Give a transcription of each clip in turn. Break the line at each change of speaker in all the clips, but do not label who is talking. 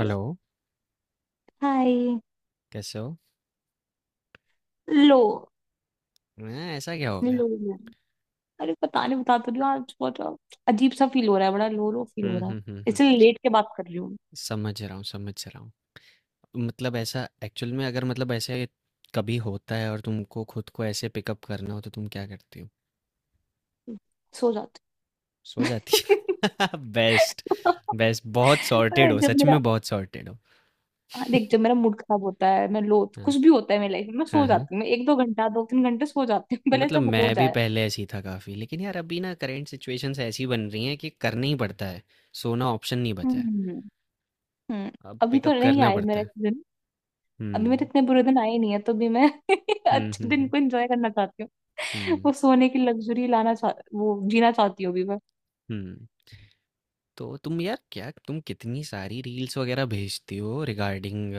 Hello.
Hi.
कैसे हो?
लो
मैं, ऐसा क्या हो गया?
लो मैम, अरे पता नहीं, बता तो रही हूँ, आज बहुत अजीब सा फील हो रहा है। बड़ा लो लो फील हो
हम्म,
रहा है,
हम्म, हम्म, हम्म।
इसलिए लेट के बात कर रही हूँ।
समझ रहा हूँ, समझ रहा हूँ। मतलब ऐसा, एक्चुअल में अगर मतलब ऐसे कभी होता है और तुमको खुद को ऐसे पिकअप करना हो तो तुम क्या करती हो?
सो जाती हूँ।
सो जाती हो? बेस्ट। बेस्ट, बहुत सॉर्टेड
अरे!
हो,
जब
सच
मेरा
में बहुत सॉर्टेड हो।
हाँ, देख, जब मेरा मूड खराब होता है, मैं लो,
हाँ,
कुछ भी होता है मेरी लाइफ में, मैं सो
हाँ, हाँ।
जाती हूँ। मैं एक दो घंटा, दो तीन घंटे सो जाती हूँ भले
मतलब
सब हो
मैं भी
जाए।
पहले ऐसी था काफी, लेकिन यार अभी ना करंट सिचुएशंस ऐसी बन रही हैं कि करना ही पड़ता है। सोना ऑप्शन नहीं बचा है,
हम्म। हम्म।
अब
अभी तो
पिकअप
नहीं
करना
आए
पड़ता
मेरे
है।
दिन। अभी मेरे
हम्म,
इतने बुरे दिन आए नहीं है, तो भी मैं
हम्म,
अच्छे
हम्म,
दिन
हम्म,
को एंजॉय करना चाहती हूँ।
हम्म,
वो सोने की लग्जरी लाना चाह, वो जीना चाहती हूँ अभी मैं।
हम्म। तो तुम यार, क्या तुम कितनी सारी रील्स वगैरह भेजती हो रिगार्डिंग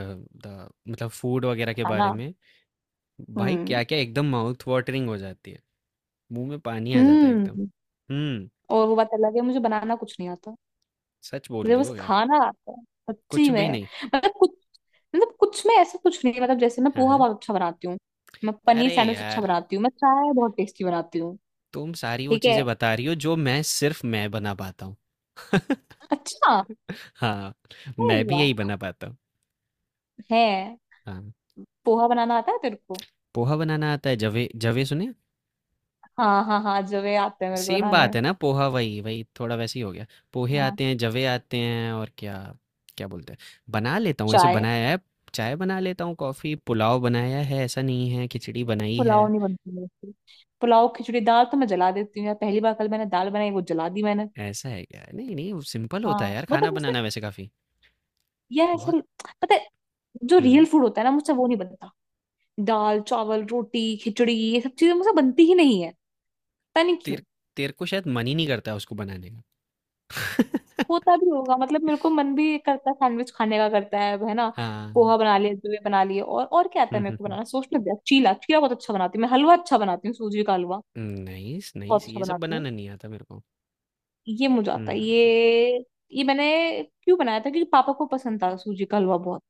द, मतलब फूड वगैरह के बारे
खाना।
में। भाई,
हम्म।
क्या क्या एकदम माउथ वाटरिंग हो जाती है, मुंह में पानी आ जाता है एकदम।
हम्म।
हम्म।
और वो बात अलग है, मुझे बनाना कुछ नहीं आता।
सच बोल
मुझे
रही हो
बस
क्या?
खाना आता है।
कुछ
सच्ची
भी
में।
नहीं?
मतलब कुछ मतलब कुछ में ऐसा कुछ नहीं है। मतलब जैसे मैं
हाँ,
पोहा
हाँ।
बहुत अच्छा बनाती हूँ। मैं पनीर
अरे
सैंडविच अच्छा
यार,
बनाती हूँ। मैं चाय बहुत टेस्टी बनाती हूँ।
तुम सारी वो
ठीक है।
चीजें बता रही हो जो मैं सिर्फ मैं बना पाता हूँ।
अच्छा।
हाँ,
अरे
मैं भी यही
वाह।
बना पाता हूँ।
है।
हाँ,
पोहा बनाना आता है तेरे को?
पोहा बनाना आता है, जवे जवे सुने।
हाँ हाँ हाँ, जो वे आते हैं मेरे को
सेम
बनाने।
बात है ना, पोहा वही वही, थोड़ा वैसे ही हो गया। पोहे
हाँ।
आते हैं, जवे आते हैं, और क्या क्या बोलते हैं, बना लेता हूँ, ऐसे
चाय।
बनाया है। चाय बना लेता हूँ, कॉफी, पुलाव बनाया है, ऐसा नहीं है, खिचड़ी बनाई है।
पुलाव नहीं बनती मेरे से। पुलाव, खिचड़ी, दाल तो मैं जला देती हूँ यार। पहली बार कल मैंने दाल बनाई, वो जला दी मैंने।
ऐसा है क्या? नहीं नहीं, वो सिंपल
हाँ
होता है यार, खाना
मतलब मुझसे,
बनाना वैसे काफी,
यार
बहुत।
ऐसा, पता है, जो
हम्म।
रियल फूड होता है ना, मुझसे वो नहीं बनता। दाल चावल रोटी खिचड़ी, ये सब चीजें मुझसे बनती ही नहीं है। पता नहीं क्यों।
तेर तेरे को शायद मन ही नहीं करता उसको बनाने का।
होता भी होगा, मतलब मेरे को मन भी करता है, सैंडविच खाने का करता है ना?
हाँ।
पोहा बना लिया, जुए बना लिए, और क्या आता है मेरे को
हम्म,
बनाना? सोचने दे। चीला, चीला बहुत अच्छा बनाती हूँ मैं। हलवा अच्छा बनाती हूँ, सूजी का हलवा
हम्म, नाइस
बहुत
नाइस,
अच्छा
ये सब
बनाती हूँ।
बनाना नहीं आता मेरे को।
ये मुझे आता है,
हम्म,
ये। ये मैंने क्यों बनाया था? क्योंकि पापा को पसंद था सूजी का हलवा बहुत।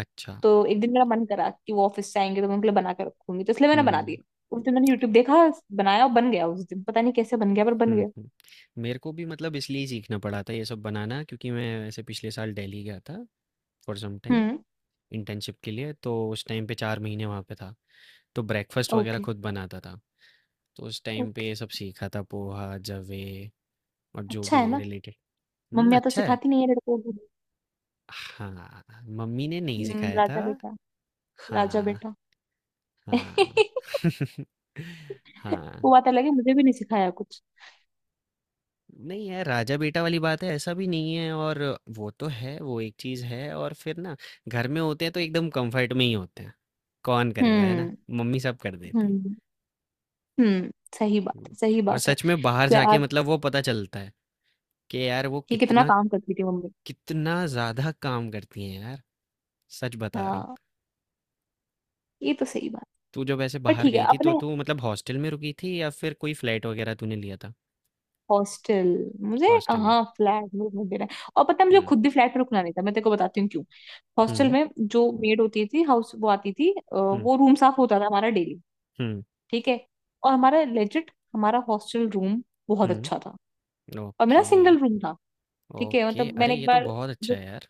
अच्छा।
तो एक दिन मेरा मन करा कि वो ऑफिस से आएंगे, तो मैं उनके लिए बना के रखूंगी, तो इसलिए मैंने बना
हम्म,
दिया। उस दिन मैंने यूट्यूब देखा, बनाया, और बन गया। उस दिन पता नहीं कैसे बन गया, पर बन
हुँ,
गया।
हुँ। मेरे को भी मतलब इसलिए सीखना पड़ा था ये सब बनाना, क्योंकि मैं ऐसे पिछले साल दिल्ली गया था फॉर सम टाइम,
हम्म।
इंटर्नशिप के लिए, तो उस टाइम पे 4 महीने वहाँ पे था। तो ब्रेकफ़ास्ट वग़ैरह
ओके।
खुद बनाता था, तो उस टाइम पे
ओके।
ये सब सीखा था, पोहा, जवे और जो
अच्छा है
भी
ना,
रिलेटेड। हुँ,
मम्मियाँ तो
अच्छा है।
सिखाती नहीं है लड़कों को।
हाँ, मम्मी ने नहीं सिखाया था।
राजा बेटा। राजा
हाँ,
बेटा।
हाँ।
वो
हाँ।
बात अलग है, मुझे भी नहीं सिखाया कुछ।
नहीं यार, राजा बेटा वाली बात है, ऐसा भी नहीं है। और वो तो है, वो एक चीज है, और फिर ना घर में होते हैं तो एकदम कंफर्ट में ही होते हैं। कौन करेगा, है ना,
हम्म।
मम्मी सब कर देती है।
हम्म। हम्म। सही बात
हम्म,
है, सही
और
बात है।
सच में बाहर
तो
जाके
आज
मतलब वो पता चलता है कि यार वो
ये कितना
कितना,
काम करती थी मम्मी।
कितना ज्यादा काम करती हैं यार, सच बता रहा हूँ।
हाँ, ये तो सही बात।
तू जब ऐसे
पर
बाहर
ठीक है
गई थी तो
अपने,
तू मतलब हॉस्टल में रुकी थी या फिर कोई फ्लैट वगैरह तूने लिया था?
हॉस्टल। मुझे
हॉस्टल में।
कहाँ फ्लैट में रुकने दे रहा है? और पता है, मुझे
हम्म,
खुद भी फ्लैट में रुकना नहीं था। मैं तेरे को बताती हूँ क्यों। हॉस्टल
हम्म,
में जो मेड होती थी, हाउस, वो आती थी,
हम्म,
वो रूम साफ होता था हमारा डेली।
हम्म,
ठीक है। और हमारा लेजिट, हमारा हॉस्टल रूम बहुत अच्छा
हम्म।
था। और मेरा
ओके,
सिंगल रूम था। ठीक है,
ओके।
मतलब
अरे
मैंने एक
ये तो
बार
बहुत अच्छा
जो,
है यार।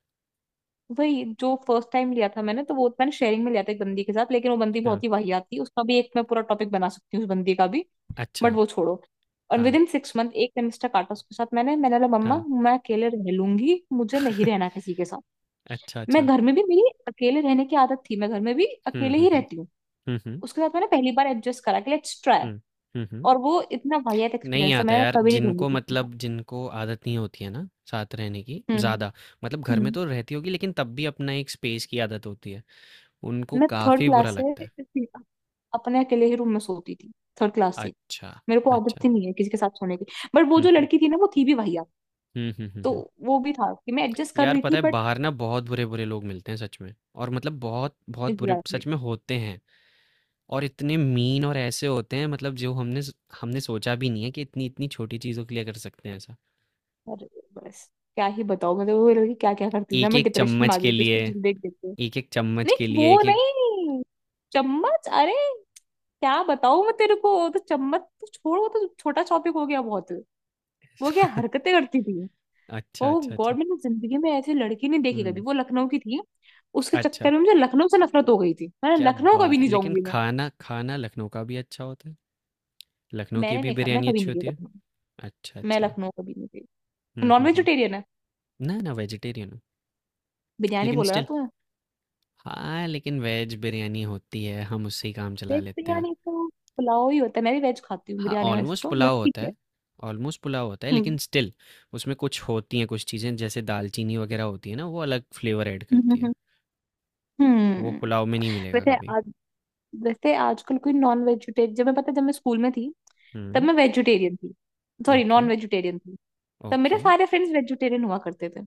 वही जो फर्स्ट टाइम लिया था मैंने, तो वो मैंने शेयरिंग में लिया था, एक बंदी के साथ। लेकिन वो बंदी
हाँ,
बहुत ही वाहियात थी। उसका भी एक मैं पूरा टॉपिक बना सकती हूँ, उस बंदी का भी। बट
अच्छा,
वो छोड़ो। और विद
हाँ,
इन सिक्स मंथ एक सेमेस्टर काटा उसके साथ मैंने मैंने बोला, मम्मा
हाँ।
मैं अकेले रह लूंगी, मुझे नहीं रहना किसी के साथ।
अच्छा,
मैं
अच्छा।
घर में भी, मेरी अकेले रहने की आदत थी, मैं घर में भी
हुँ,
अकेले
हुँ,
ही
हुँ।
रहती हूँ।
हुँ, हुँ,
उसके साथ मैंने पहली बार एडजस्ट करा कि लेट्स ट्राई।
हुँ। हुँ, हुँ।
और वो इतना वाहियात
नहीं
एक्सपीरियंस है,
आता
मैंने
यार,
कभी नहीं रहूंगी
जिनको
किसी के साथ।
मतलब जिनको आदत नहीं होती है ना साथ रहने की
हम्म।
ज़्यादा, मतलब घर में
हम्म।
तो रहती होगी लेकिन तब भी अपना एक स्पेस की आदत होती है, उनको
मैं थर्ड
काफ़ी बुरा
क्लास से
लगता है।
अपने अकेले ही रूम में सोती थी, थर्ड क्लास से।
अच्छा,
मेरे को आदत
अच्छा।
ही नहीं है किसी के साथ सोने की। बट वो
हुँ,
जो
हुँ।
लड़की थी ना, वो थी भी वाहियात।
हुँ, हुँ, हुँ,
तो
हुँ।
वो भी था कि मैं एडजस्ट कर
यार
रही थी,
पता है,
बट।
बाहर ना बहुत बुरे-बुरे लोग मिलते हैं सच में, और मतलब बहुत बहुत बुरे
एग्जैक्टली।
सच में होते हैं, और इतने मीन और ऐसे होते हैं मतलब जो हमने स हमने सोचा भी नहीं है, कि इतनी-इतनी छोटी चीज़ों के लिए कर सकते हैं ऐसा।
अरे बस, क्या ही बताओ, मतलब वो लड़की क्या क्या करती थी ना, मैं
1-1
डिप्रेशन में
चम्मच
आ
के
गई थी
लिए,
उसको चीज देख देख के।
1-1 चम्मच के
नहीं,
लिए,
वो
1-1।
नहीं चम्मच, अरे, क्या बताऊं मैं तेरे को, वो तो चम्मच तो छोड़, वो तो छोटा टॉपिक हो गया बहुत। वो क्या हरकतें करती थी।
अच्छा,
ओ
अच्छा, अच्छा।
गॉड, मैंने जिंदगी में ऐसी लड़की नहीं देखी कभी।
हुँ,
वो लखनऊ की थी। उसके
अच्छा,
चक्कर में मुझे लखनऊ से नफरत हो गई थी, मैं
क्या
लखनऊ कभी
बात है!
नहीं
लेकिन
जाऊंगी मैं।
खाना, खाना लखनऊ का भी अच्छा होता है? लखनऊ की
मैंने
भी
नहीं खा, मैं
बिरयानी
कभी
अच्छी
नहीं गई
होती है?
लखनऊ।
अच्छा,
मैं
अच्छा।
लखनऊ कभी नहीं गई।
हुँ,
नॉन
हुँ, हुँ।
वेजिटेरियन है।
ना, ना वेजिटेरियन हूँ,
बिरयानी
लेकिन
बोला ना
स्टिल,
तूने।
हाँ, लेकिन वेज बिरयानी होती है, हम उससे ही काम चला
वेज
लेते हैं।
बिरयानी तो पुलाव ही होता है। मैं भी वेज खाती हूँ,
हाँ,
बिरयानी वैसे
ऑलमोस्ट
तो, बट
पुलाव
ठीक
होता
है।
है, ऑलमोस्ट पुलाव होता है,
हम्म
लेकिन स्टिल उसमें कुछ होती हैं कुछ चीज़ें जैसे दालचीनी वगैरह होती है ना, वो अलग फ्लेवर ऐड
हम्म
करती है।
हम्म,
वो
हम्म।
पुलाव में नहीं मिलेगा
वैसे
कभी।
आज, वैसे आजकल कोई नॉन वेजिटेरियन, जब मैं, पता है, जब मैं स्कूल में थी, तब
हुँ।
मैं वेजिटेरियन थी, सॉरी
ओके,
नॉन वेजिटेरियन थी। तब मेरे
ओके।
सारे फ्रेंड्स वेजिटेरियन हुआ करते थे।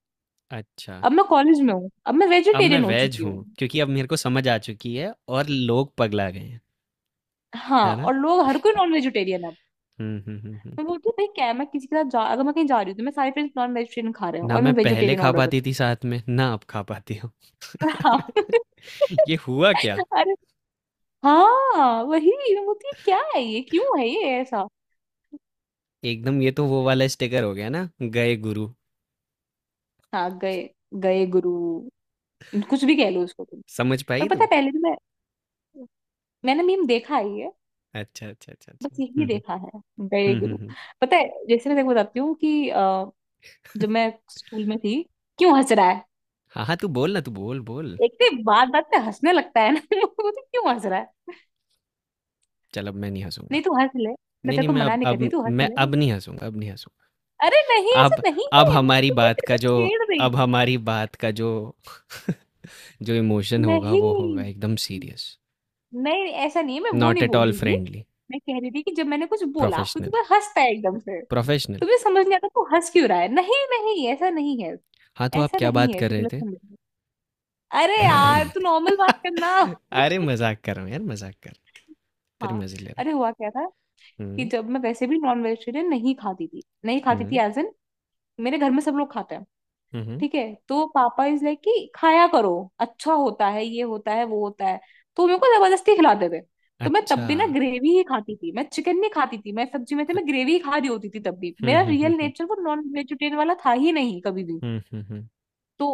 अच्छा,
अब मैं कॉलेज में हूँ, अब मैं
अब मैं
वेजिटेरियन हो
वेज
चुकी हूँ।
हूँ क्योंकि अब मेरे को समझ आ चुकी है और लोग पगला गए हैं,
हाँ,
है ना?
और लोग, हर कोई नॉन वेजिटेरियन है।
हुँ, हुँ, हुँ, हुँ।
मैं बोलती हूँ, भाई क्या है, मैं किसी के साथ जा, अगर मैं कहीं जा रही हूँ तो मैं, सारे फ्रेंड्स नॉन वेजिटेरियन खा रहे हैं
ना
और
मैं
मैं
पहले
वेजिटेरियन
खा
ऑर्डर कर
पाती थी साथ में, ना अब खा पाती हूँ।
रही हूँ। हाँ।
ये हुआ क्या?
अरे। हाँ, वही मैं बोलती हूँ, क्या है ये, क्यों है ये ऐसा।
एकदम, ये तो वो वाला स्टिकर हो गया ना, गए गुरु।
हाँ, गए, गए गुरु। कुछ भी कह लो उसको तुम।
समझ
पर
पाई
पता
तू?
है, पहले भी मैं, मैंने मीम देखा ही है ये।
अच्छा, अच्छा, अच्छा,
बस
अच्छा।
यही
हुँ, हुँ।
देखा है, गए
हुँ, हुँ,
गुरु।
हुँ।
पता है, जैसे मैं तेको बताती हूँ कि जब मैं स्कूल में थी, क्यों हंस रहा है?
हाँ, हाँ, तू बोल ना, तू बोल, बोल।
एक तो बात बात पे हंसने लगता है ना वो तो, क्यों हंस रहा है?
चल, अब मैं नहीं हँसूँगा।
नहीं, तू हंस ले, मैं
नहीं,
तेरे
नहीं,
को
मैं
मना
अब
नहीं कर रही,
अब
तू हंस
मैं
ले।
अब नहीं हँसूँगा, अब नहीं हँसूँगा।
अरे नहीं, ऐसा
अब
नहीं
अब
है, तो मैं तेरे को छेड़ रही थी।
हमारी बात का जो जो इमोशन होगा वो होगा,
नहीं
एकदम सीरियस,
नहीं, ऐसा नहीं है, मैं वो
नॉट
नहीं
एट
बोल
ऑल
रही थी।
फ्रेंडली।
मैं कह रही थी कि जब मैंने कुछ बोला तो तू
प्रोफेशनल
बस हंसता है एकदम से।
प्रोफेशनल
तुम्हें समझ नहीं आता, तू हंस क्यों रहा है? नहीं नहीं, ऐसा नहीं है,
हाँ, तो आप
ऐसा
क्या
नहीं
बात
है
कर
तो
रहे
गलत
थे?
समझ रही है। अरे यार, तू नॉर्मल बात करना।
अरे मजाक कर रहा हूँ यार, मजाक कर, तेरे
हाँ।
मजे ले रहा
अरे हुआ क्या था,
हूँ।
कि जब मैं, वैसे भी नॉन वेजिटेरियन नहीं खाती थी, नहीं खाती थी,
हम्म,
एज एन, मेरे घर में सब लोग खाते हैं,
हम्म,
ठीक है, तो पापा इज लाइक कि खाया करो, अच्छा होता है, ये होता है, वो होता है। तो मेरे को जबरदस्ती खिलाते थे। तो मैं तब
अच्छा,
भी ना ग्रेवी ही खाती थी, मैं चिकन नहीं खाती थी, मैं सब्जी में थी,
अच-
मैं ग्रेवी ही खा रही होती थी। तब भी
हम्म,
मेरा
हम्म,
रियल
हम्म,
नेचर वो नॉन वेजिटेरियन वाला था ही नहीं, कभी भी।
हम्म, हम्म,
तो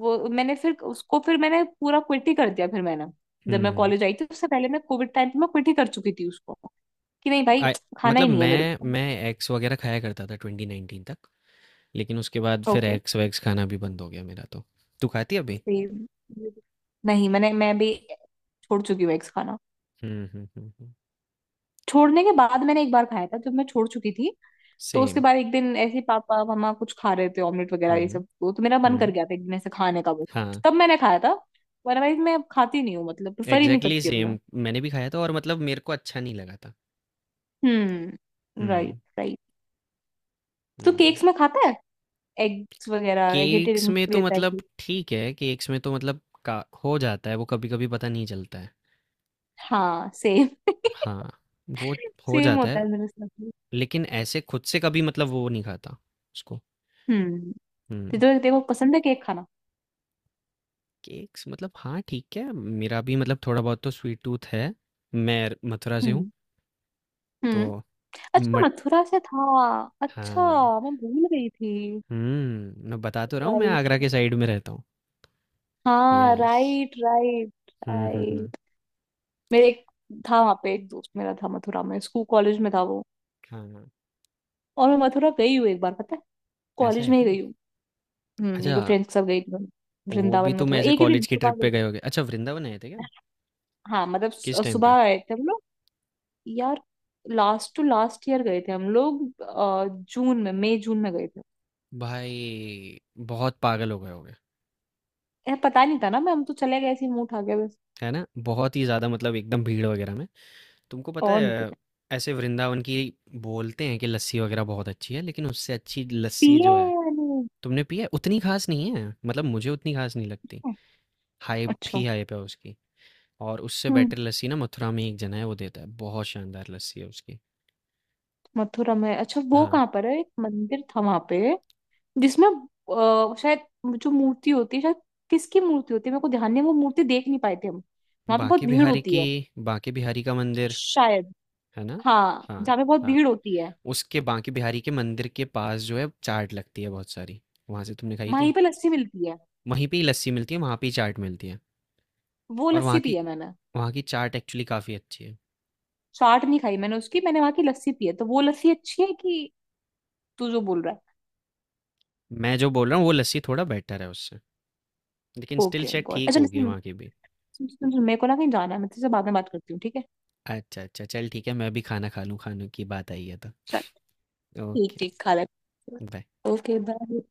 वो मैंने फिर उसको, फिर मैंने पूरा क्विट ही कर दिया। फिर मैंने, जब मैं
हम्म।
कॉलेज आई थी उससे पहले, मैं कोविड टाइम पे मैं क्विट ही कर चुकी थी उसको, कि नहीं भाई,
I-
खाना
मतलब
ही नहीं है मेरे
मैं
को।
मैं एक्स वगैरह खाया करता था ट्वेंटी नाइनटीन तक, लेकिन उसके बाद फिर
ओके।
एक्स वैक्स खाना भी बंद हो गया मेरा। तो तू खाती है अभी?
सेम। नहीं मैंने, मैं भी छोड़ चुकी हूँ एग्स खाना।
हम्म, हम्म, हम्म।
छोड़ने के बाद मैंने एक बार खाया था, जब मैं छोड़ चुकी थी। तो उसके
सेम।
बाद एक दिन ऐसे ही पापा मम्मा कुछ खा रहे थे, ऑमलेट वगैरह
Same,
ये सब,
हम्म,
तो मेरा मन कर
हम्म,
गया था एक दिन ऐसे खाने का, वो
हाँ।
तब मैंने खाया था। अदरवाइज मैं अब खाती नहीं हूँ, मतलब प्रेफर ही नहीं
एग्ज़ैक्टली
करती अब मैं।
सेम, मैंने भी खाया था और मतलब मेरे को अच्छा नहीं लगा था।
हम्म, राइट
हुँ,
राइट। तो
हुँ।
केक्स में खाता है एग्स वगैरह,
केक्स
एगिटेरियन
में तो
लेता है
मतलब
केक।
ठीक है, केक्स में तो मतलब का हो जाता है, वो कभी-कभी पता नहीं चलता है।
हाँ सेम।
हाँ, वो हो
सेम
जाता
होता
है,
है मेरे साथ भी।
लेकिन ऐसे खुद से कभी मतलब वो नहीं खाता उसको।
हम्म। तो
हुँ,
देखो देखो, पसंद है केक खाना।
केक्स मतलब हाँ, ठीक है, मेरा भी मतलब थोड़ा बहुत तो स्वीट टूथ है। मैं मथुरा से हूँ,
हम्म।
तो
हम्म। अच्छा,
मट
मथुरा से था। अच्छा,
हाँ,
मैं भूल गई थी।
हुँ, मैं बता तो रहा हूँ, मैं
राइट।
आगरा के साइड में रहता हूँ।
हाँ
यस।
Right right.
हुँ, हुँ, हुँ।
राइट। मेरे एक, था वहाँ पे, एक दोस्त मेरा था मथुरा में, स्कूल कॉलेज में था वो।
हाँ।
और मैं मथुरा गई हूँ एक बार, पता है,
ऐसा
कॉलेज
है
में ही
क्या?
गई हूँ। हम्म। एक
अच्छा,
बार फ्रेंड्स के साथ गई थी मैं।
वो भी
वृंदावन
तुम
मथुरा
ऐसे
एक ही दिन
कॉलेज की
सुबह
ट्रिप पे
गए
गए
थे।
होगे। अच्छा, वृंदावन आए थे क्या?
हाँ मतलब
किस टाइम पे?
सुबह गए थे हम लोग। यार, लास्ट टू लास्ट ईयर गए थे हम लोग, जून में, मई जून में गए थे।
भाई, बहुत पागल हो गए होगे,
यार पता नहीं था ना, मैं हम तो चले गए ऐसे ही मुंह उठा के, बस।
है ना? बहुत ही ज़्यादा मतलब एकदम भीड़ वगैरह में। तुमको पता
और नहीं
है
पता।
ऐसे, वृंदावन की बोलते हैं कि लस्सी वगैरह बहुत अच्छी है, लेकिन उससे अच्छी
पिए
लस्सी जो है
या नहीं?
तुमने पी है उतनी खास नहीं है। मतलब मुझे उतनी खास नहीं लगती। हाइप
अच्छा।
ही हाइप है उसकी। और उससे
हम्म।
बेटर लस्सी ना मथुरा में एक जना है, वो देता है। बहुत शानदार लस्सी है उसकी।
मथुरा में अच्छा, वो
हाँ,
कहाँ पर है, एक मंदिर था वहां पे जिसमें, शायद, जो मूर्ति होती है शायद, किसकी मूर्ति होती है मेरे को ध्यान नहीं है, वो मूर्ति देख नहीं पाए थे हम, वहां पे बहुत
बांके
भीड़
बिहारी
होती
की,
है।
बांके बिहारी का मंदिर,
शायद।
है ना?
हाँ,
हाँ,
जहाँ पे बहुत
हाँ।
भीड़ होती है।
उसके बांके बिहारी के मंदिर के पास जो है, चाट लगती है बहुत सारी। वहाँ से तुमने खाई
वहीं
थी?
पे लस्सी मिलती है।
वहीं पे ही लस्सी मिलती है, वहाँ पे ही चाट मिलती है,
वो
और
लस्सी
वहाँ
पी
की
है मैंने।
वहाँ की चाट एक्चुअली काफ़ी अच्छी है।
चाट नहीं खाई मैंने उसकी, मैंने वहां की लस्सी पी है, तो वो लस्सी अच्छी है, कि तू जो बोल रहा है?
मैं जो बोल रहा हूँ, वो लस्सी थोड़ा बेटर है उससे, लेकिन स्टिल
ओके
शायद
गॉड,
ठीक
अच्छा
होगी
सुन,
वहाँ की भी।
सुन सुन सुन, मेरे को ना कहीं जाना है, मैं तुझसे बाद में बात करती हूँ, ठीक है।
अच्छा, अच्छा। चल ठीक है, मैं भी खाना खा लूँ, खाने की बात आई है तो।
चल। ठीक
ओके,
ठीक, खा ले।
बाय।
Okay bye.